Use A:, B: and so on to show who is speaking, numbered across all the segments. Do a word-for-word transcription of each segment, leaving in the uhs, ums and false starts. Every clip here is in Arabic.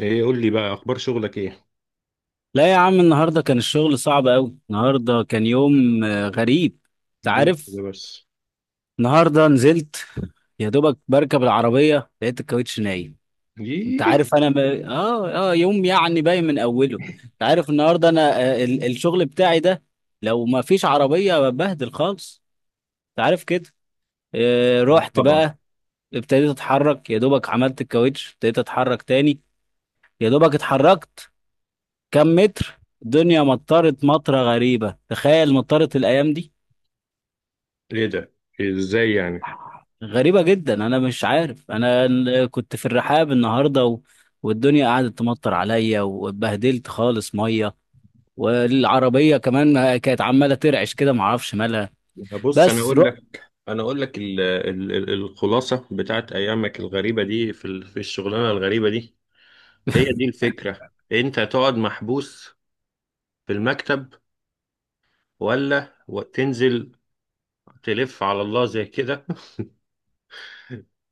A: ايه، قول لي بقى اخبار شغلك ايه؟
B: لا يا عم، النهارده كان الشغل صعب قوي. النهارده كان يوم آه، غريب. انت
A: دي
B: عارف.
A: كده بس؟
B: النهارده نزلت، يا دوبك بركب العربيه لقيت الكاوتش نايم. انت
A: دي...
B: عارف، انا ب... اه اه يوم يعني باين من اوله. انت عارف النهارده انا آه، ال... الشغل بتاعي ده لو ما فيش عربيه ببهدل خالص، انت عارف كده. آه،
A: آه،
B: رحت
A: طبعا.
B: بقى، ابتديت اتحرك. يا دوبك عملت الكاوتش، ابتديت اتحرك تاني. يا دوبك اتحركت كم متر، الدنيا مطرت مطره غريبه. تخيل، مطرت الايام دي!
A: ايه ده؟ ازاي يعني؟
B: غريبة جدا. أنا مش عارف، أنا ال- كنت في الرحاب النهاردة و... والدنيا قعدت تمطر عليا واتبهدلت خالص مية. والعربية كمان كانت عمالة ترعش كده، معرفش مالها.
A: بص، انا
B: بس
A: اقول
B: رحت
A: لك انا اقول لك ال ال ال الخلاصه بتاعت ايامك الغريبه دي في ال- في الشغلانه الغريبه دي. هي دي الفكره. انت تقعد محبوس في المكتب، ولا و- تنزل تلف على الله زي كده؟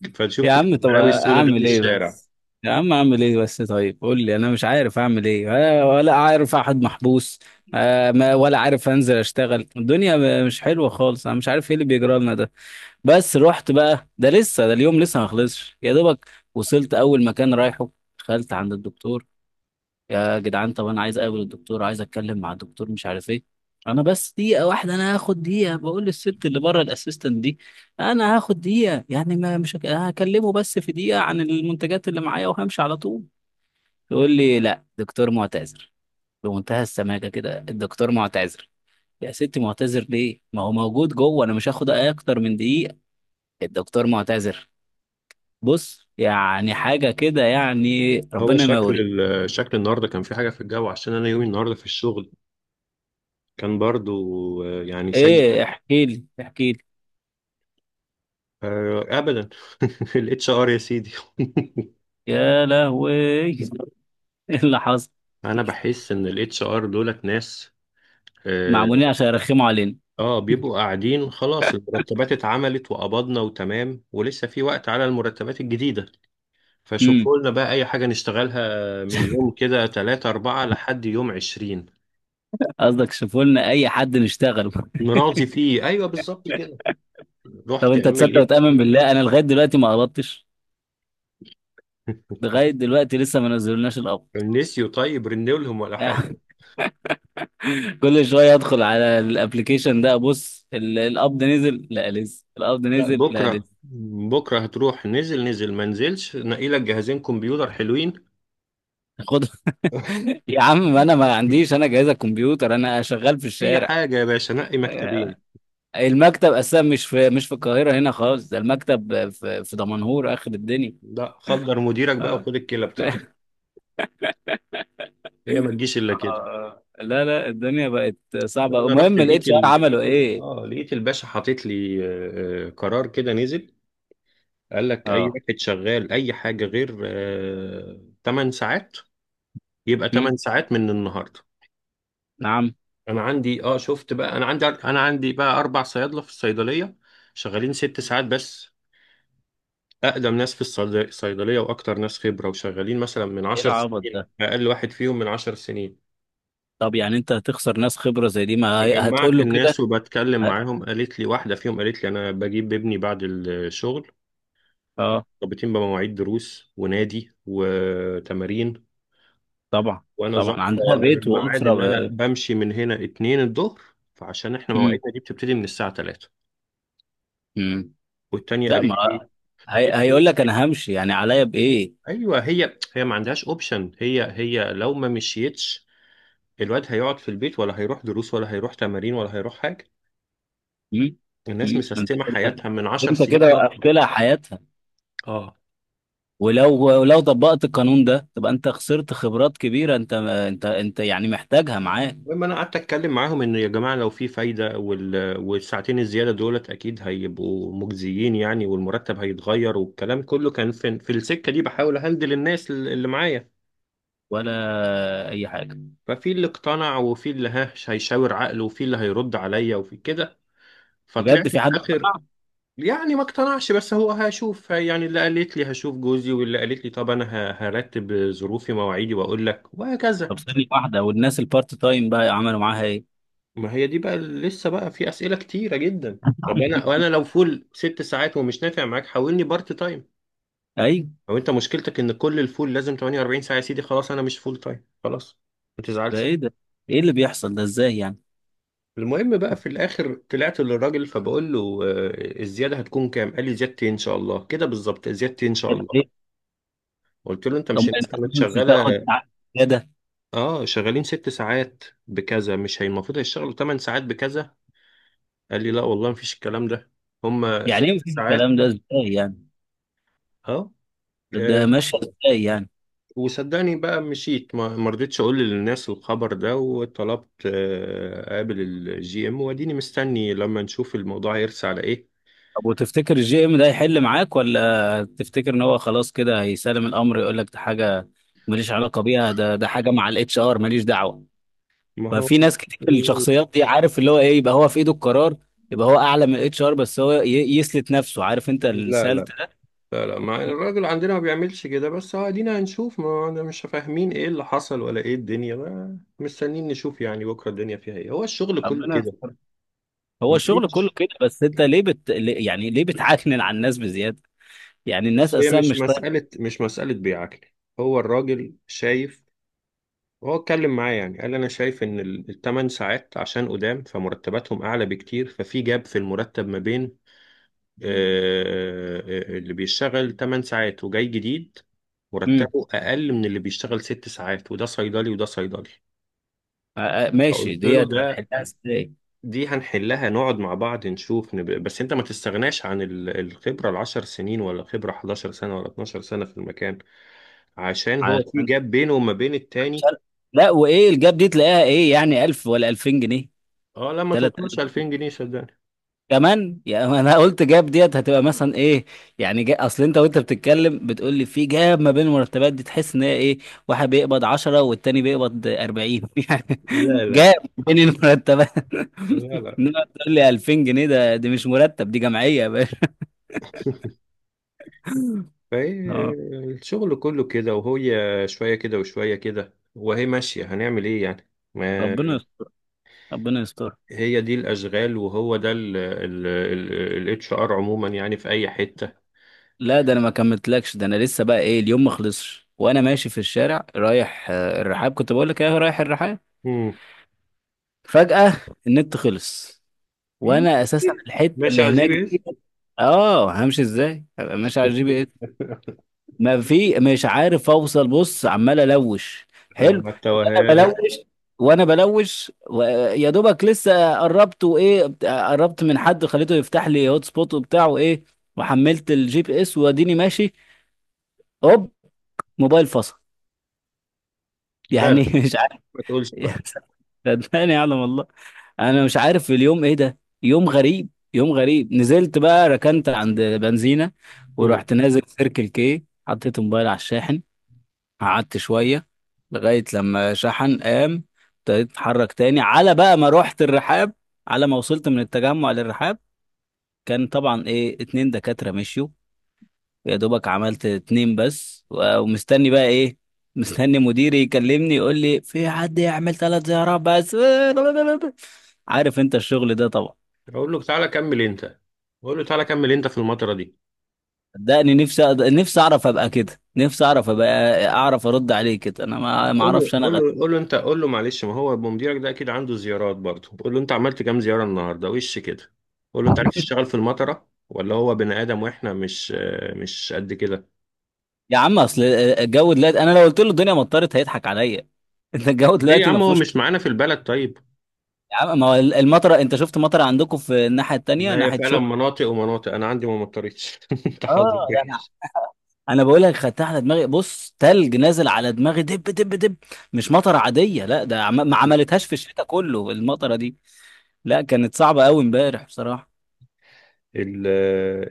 A: فتشوف
B: يا
A: كل
B: عم، طب
A: البلاوي السوداء دي في
B: أعمل إيه
A: الشارع.
B: بس؟ يا عم أعمل إيه بس؟ طيب قول لي، أنا مش عارف أعمل إيه، ولا ولا عارف أحد محبوس. آه، ما- ولا عارف أنزل أشتغل. الدنيا مش حلوة خالص، أنا مش عارف إيه اللي بيجرى لنا ده. بس رحت بقى. ده لسه، ده اليوم لسه ما خلصش. يا دوبك وصلت اول مكان رايحه، دخلت عند الدكتور. يا جدعان، طب انا عايز اقابل الدكتور، عايز اتكلم مع الدكتور، مش عارف ايه. انا بس دقيقه واحده، انا هاخد دقيقه، بقول للست اللي بره الاسيستنت دي. انا هاخد دقيقه يعني، ما مش هك- هكلمه بس في دقيقه عن المنتجات اللي معايا وهمشي على طول. يقول لي لا، دكتور معتذر. بمنتهى السماجه كده، الدكتور معتذر. يا ستي، معتذر ليه؟ ما هو موجود جوه، انا مش هاخد اكتر من دقيقه. الدكتور معتذر. بص، يعني حاجة كده، يعني
A: هو
B: ربنا ما يوري.
A: شكل ال- شكل النهارده كان في حاجه في الجو، عشان انا يومي النهارده في الشغل كان برضو آه، يعني سيء.
B: ايه، احكي لي، احكي لي.
A: آه، ابدا. الاتش ار يا سيدي.
B: يا لهوي ايه اللي حصل؟
A: انا بحس ان الاتش ار دولت ناس. اه.
B: معمولين عشان يرخموا علينا.
A: آه، بيبقوا قاعدين، خلاص المرتبات اتعملت وقبضنا وتمام، ولسه في وقت على المرتبات الجديدة.
B: امم،
A: فشوفوا لنا بقى اي حاجة نشتغلها من يوم كده تلاتة اربعة لحد يوم عشرين.
B: قصدك شوفوا لنا اي حد نشتغل
A: نراضي فيه، ايوه بالظبط كده.
B: طب
A: رحت
B: انت
A: اعمل
B: تصدق
A: ايه؟
B: وتأمن بالله، انا لغاية دلوقتي ما قبضتش. لغاية دلوقتي لسه ما نزلناش القبض
A: نسيوا؟ طيب رنوا لهم ولا حاجة.
B: كل شوية ادخل على الابليكيشن ده، ابص ال- القبض نزل؟ لا لسه. القبض
A: لا،
B: نزل؟ لا
A: بكرة
B: لسه.
A: بكرة هتروح، نزل نزل ما نزلش، نقي لك جهازين كمبيوتر حلوين.
B: خد يا عم، ما انا ما عنديش انا جهاز الكمبيوتر، انا شغال في
A: اي
B: الشارع.
A: حاجه يا باشا، نقي مكتبين.
B: المكتب اساسا مش في، مش في القاهره هنا خالص، ده المكتب في في دمنهور اخر الدنيا.
A: لا، خدر مديرك بقى
B: آه.
A: وخد الكلى بتاعته. هي ما تجيش الا كده.
B: آه. لا لا، الدنيا بقت صعبه.
A: انا رحت
B: المهم
A: لقيت
B: الاتش ار
A: ال...
B: عملوا ايه؟
A: اه، لقيت الباشا حاطط لي آه، آه، قرار كده نزل. قال لك اي
B: اه.
A: واحد شغال اي حاجه غير آه 8 ساعات، يبقى 8
B: هم؟
A: ساعات من النهارده.
B: نعم.
A: انا عندي اه شفت بقى، انا عندي انا عندي بقى اربع صيادله في الصيدليه، شغالين ست ساعات بس، اقدم ناس في الصيد- الصيدليه واكتر ناس خبره، وشغالين مثلا من
B: ايه
A: 10
B: العبط
A: سنين،
B: ده؟
A: اقل واحد فيهم من 10 سنين.
B: طب يعني انت هتخسر ناس خبره زي دي؟ ما هي- هتقول
A: فجمعت
B: له كده؟
A: الناس وبتكلم
B: ه-،
A: معاهم، قالت لي واحدة فيهم قالت لي: أنا بجيب ابني بعد الشغل،
B: اه.
A: مرتبطين بمواعيد دروس ونادي وتمارين،
B: طبعا.
A: وأنا
B: طبعا
A: ظابطة
B: عندها بيت
A: الميعاد
B: واسره.
A: إن أنا بمشي من هنا اتنين الظهر، فعشان إحنا
B: امم.
A: مواعيدنا دي بتبتدي من الساعة تلاتة.
B: امم.
A: والتانية
B: لا
A: قالت
B: ما
A: لي:
B: هي... هيقول
A: ابني.
B: لك انا همشي، يعني عليا بايه؟
A: أيوه، هي هي ما عندهاش أوبشن، هي هي لو ما مشيتش الواد هيقعد في البيت، ولا هيروح دروس ولا هيروح تمارين ولا هيروح حاجة.
B: امم.
A: الناس
B: امم. انت
A: مسيستمة
B: كده،
A: حياتها من عشر
B: انت كده
A: سنين وأكتر.
B: وقفت لها حياتها.
A: اه.
B: ولو، ولو طبقت القانون ده تبقى انت خسرت خبرات كبيره. انت انت انت يعني محتاجها معاك.
A: المهم انا قعدت اتكلم معاهم ان: يا جماعه لو في فايده، وال... والساعتين الزياده دولت اكيد هيبقوا مجزيين يعني، والمرتب هيتغير، والكلام كله كان في, في السكه دي، بحاول اهندل الناس الل- اللي معايا.
B: ولا اي حاجه.
A: ففي اللي اقتنع، وفي اللي ها هيشاور عقله، وفي اللي هيرد عليا، وفي كده. فطلعت
B: بجد،
A: في
B: في حد
A: الاخر
B: سمع؟
A: يعني ما اقتنعش، بس هو هشوف يعني. اللي قالت لي هشوف جوزي، واللي قالت لي طب انا ه- هرتب ظروفي مواعيدي واقول لك، وهكذا.
B: طب ثانيه واحده، والناس البارت تايم بقى عملوا معاها ايه؟
A: ما هي دي بقى، لسه بقى في أسئلة كتيرة جدا. طب انا، وانا لو فول ست ساعات ومش نافع معاك حولني بارت تايم.
B: ايوه.
A: او انت مشكلتك ان كل الفول لازم 48 ساعة، يا سيدي خلاص انا مش فول تايم، خلاص ما
B: ده
A: تزعلش.
B: ايه ده؟ ايه اللي بيحصل ده؟ ازاي يعني؟
A: المهم بقى في الاخر طلعت للراجل، فبقول له: آه، الزيادة هتكون كام؟ قال لي: زيادتي ان شاء الله كده بالظبط، زيادتي ان شاء
B: طب
A: الله.
B: ايه؟
A: قلت له: انت
B: طب
A: مش
B: ما
A: الناس
B: انت
A: كانت
B: مش
A: شغالة؟
B: بتاخد زياده؟
A: اه، شغالين ست ساعات بكذا، مش هي المفروض هيشتغلوا 8 ساعات بكذا؟ قال لي: لا والله مفيش الكلام ده، هما
B: يعني
A: ست
B: ايه مفيش
A: ساعات
B: الكلام ده؟ ازاي يعني؟
A: اه.
B: ده ماشي ازاي يعني؟
A: وصدقني بقى مشيت، ما ما رضيتش اقول للناس الخبر ده، وطلبت آه، اقابل الجي ام، واديني مستني لما نشوف الموضوع هيرسى على ايه.
B: طب وتفتكر الجي ام ده هيحل معاك، ولا تفتكر ان هو خلاص كده هيسلم الامر يقول لك ده حاجه ماليش علاقه بيها، ده ده حاجه مع الاتش ار ماليش دعوه؟
A: ما هو...
B: ففي ناس كتير الشخصيات دي، عارف اللي هو ايه، يبقى هو في ايده القرار، يبقى هو اعلى من الاتش ار، بس هو ي- يسلت نفسه. عارف انت
A: لا
B: السالت
A: لا
B: ده؟
A: لا لا، ما الراجل عندنا ما بيعملش كده، بس هو ادينا هنشوف، ما انا مش فاهمين ايه اللي حصل ولا ايه الدنيا، ما مستنيين نشوف يعني بكره الدنيا فيها ايه. هو الشغل كله
B: ربنا
A: كده.
B: يستر. هو الشغل كله
A: مفيش.
B: كده. بس انت ليه بت... ليه- يعني ليه بتعكنن على الناس بزياده؟ يعني الناس
A: بص، هي
B: اصلا
A: مش
B: مش طايقه.
A: مسألة، مش مسألة بيعكلي. هو الراجل شايف. هو اتكلم معايا يعني قال: انا شايف ان ال- التمن ساعات عشان قدام فمرتباتهم اعلى بكتير، ففي جاب في المرتب ما بين آه، آه، اللي بيشتغل 8 ساعات وجاي جديد،
B: امم.
A: مرتبه اقل من اللي بيشتغل 6 ساعات، وده صيدلي وده صيدلي.
B: آه، آه، ماشي،
A: فقلت له:
B: ديت
A: ده،
B: هتحلها ازاي؟
A: دي هنحلها، نقعد مع بعض نشوف نب... بس انت ما تستغناش عن ال- الخبرة العشر سنين ولا خبرة 11 سنة ولا 12 سنة في المكان، عشان هو في جاب بينه وما بين
B: مش
A: التاني.
B: عارف. لا، وايه الجاب دي تلاقيها ايه يعني؟ ألف ولا ألفين جنيه؟
A: اه، لما توصلش
B: ثلاثة آلاف
A: ألفين جنيه صدقني.
B: كمان يعني. انا قلت جاب ديت هتبقى مثلا ايه. يعني جا... اصل انت وانت بتتكلم بتقول لي في جاب ما بين المرتبات دي، تحس ان هي ايه؟ واحد بيقبض عشرة والتاني بيقبض أربعين يعني!
A: لا لا
B: جاب بين المرتبات
A: لا لا.
B: انما تقول لي ألفين جنيه ده، دي مش مرتب، دي جمعيه يا باشا.
A: فهي
B: اه.
A: الشغل كله كده، وهي شوية كده وشوية كده، وهي ماشية، هنعمل ايه يعني؟ ما
B: ربنا يستر. ربنا يستر.
A: هي دي الأشغال، وهو ده ال اتش ار عموما يعني في أي حتة.
B: لا ده انا ما كملتلكش. ده انا لسه بقى ايه، اليوم ما خلصش. وانا ماشي في الشارع رايح آه، الرحاب، كنت بقول لك ايه، رايح الرحاب.
A: مم.
B: فجأة النت خلص،
A: إيه؟
B: وانا اساسا الحتة
A: ماشي
B: اللي
A: على الجي
B: هناك
A: بي اس.
B: دي. اه همشي ازاي، هبقى ماشي على الجي بي اس. ما في، مش عارف اوصل، بص عمال الوش.
A: لا،
B: حلو.
A: ما
B: وانا
A: التوهان.
B: بلوش، وانا بلوش و- يا دوبك لسه قربت وايه، بت- قربت من حد خليته يفتح لي هوت سبوت وبتاع وايه. وحملت الجي بي اس واديني ماشي، هوب، موبايل فصل
A: لا لا،
B: يعني مش عارف،
A: ما تقولش بقى.
B: صدقني يعلم والله. انا مش عارف في اليوم ايه ده، يوم غريب، يوم غريب. نزلت بقى، ركنت عند بنزينة،
A: مم.
B: ورحت نازل سيركل كي، حطيت موبايل على الشاحن. قعدت شوية لغاية لما شحن، قام ابتديت اتحرك تاني. على بقى ما رحت الرحاب، على ما وصلت من التجمع للرحاب، كان طبعا ايه، اتنين دكاترة مشيوا. يا دوبك عملت اتنين بس، و- ومستني بقى ايه، مستني مديري يكلمني يقول لي في حد يعمل ثلاث زيارات بس عارف انت الشغل ده طبعا.
A: أقول له: تعالى كمل أنت. أقول له: تعالى كمل أنت في المطرة دي.
B: صدقني نفسي أد- نفسي اعرف ابقى كده، نفسي اعرف ابقى اعرف ارد عليه كده. انا ما ما
A: قول له،
B: اعرفش انا
A: قول
B: غير.
A: له، قول له انت، قول له: معلش ما هو مديرك ده اكيد عنده زيارات برضه، قول له: انت عملت كام زياره النهارده وش كده؟ قول له: انت عرفت تشتغل في المطره ولا هو بني ادم واحنا مش آه، مش قد كده؟
B: يا عم، اصل الجو دلوقتي، انا لو قلت له الدنيا مطرت هيضحك عليا انت الجو
A: ليه يا
B: دلوقتي ما
A: عم، هو
B: فيهوش.
A: مش معانا في البلد طيب؟
B: يا عم، ما هو المطره، انت شفت مطره عندكم في الناحيه التانيه
A: ما هي
B: ناحيه
A: فعلا
B: شبرا؟
A: مناطق ومناطق، انا عندي ما مطرتش. انت حظك
B: اه ده
A: وحش.
B: انا بقول لك، خدتها على دماغي. بص، تلج نازل على دماغي، دب دب دب. مش مطره عاديه لا. ده عم... ما عملتهاش في الشتاء كله المطره دي، لا كانت صعبه قوي امبارح بصراحه.
A: ال-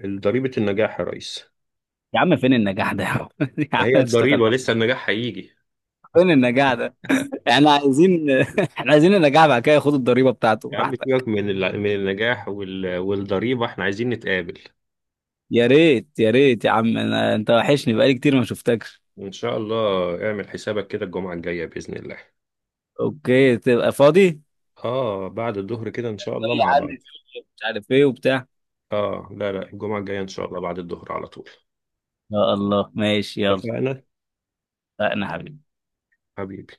A: ال- ضريبه النجاح يا ريس.
B: يا عم، فين النجاح ده يا عم؟ يا
A: ما
B: عم
A: هي
B: اشتغل.
A: الضريبه، لسه النجاح هيجي.
B: فين النجاح ده؟ احنا عايزين احنا عايزين النجاح، بعد كده ياخد الضريبه بتاعته
A: يا عم
B: راحتك.
A: سيبك من ال- من النجاح وال- والضريبه، احنا عايزين نتقابل.
B: يا ريت، يا ريت يا عم. أنا... انت وحشني بقالي كتير ما شفتكش.
A: إن شاء الله اعمل حسابك كده الجمعة الجاية بإذن الله.
B: اوكي، تبقى فاضي؟ ايه،
A: آه، بعد الظهر كده إن شاء الله مع
B: عندي
A: بعض.
B: شغل، مش عارف ايه وبتاع.
A: آه لا لا، الجمعة الجاية إن شاء الله بعد الظهر على طول.
B: يا الله ماشي، يلا.
A: اتفقنا
B: اتفقنا حبيبي.
A: حبيبي.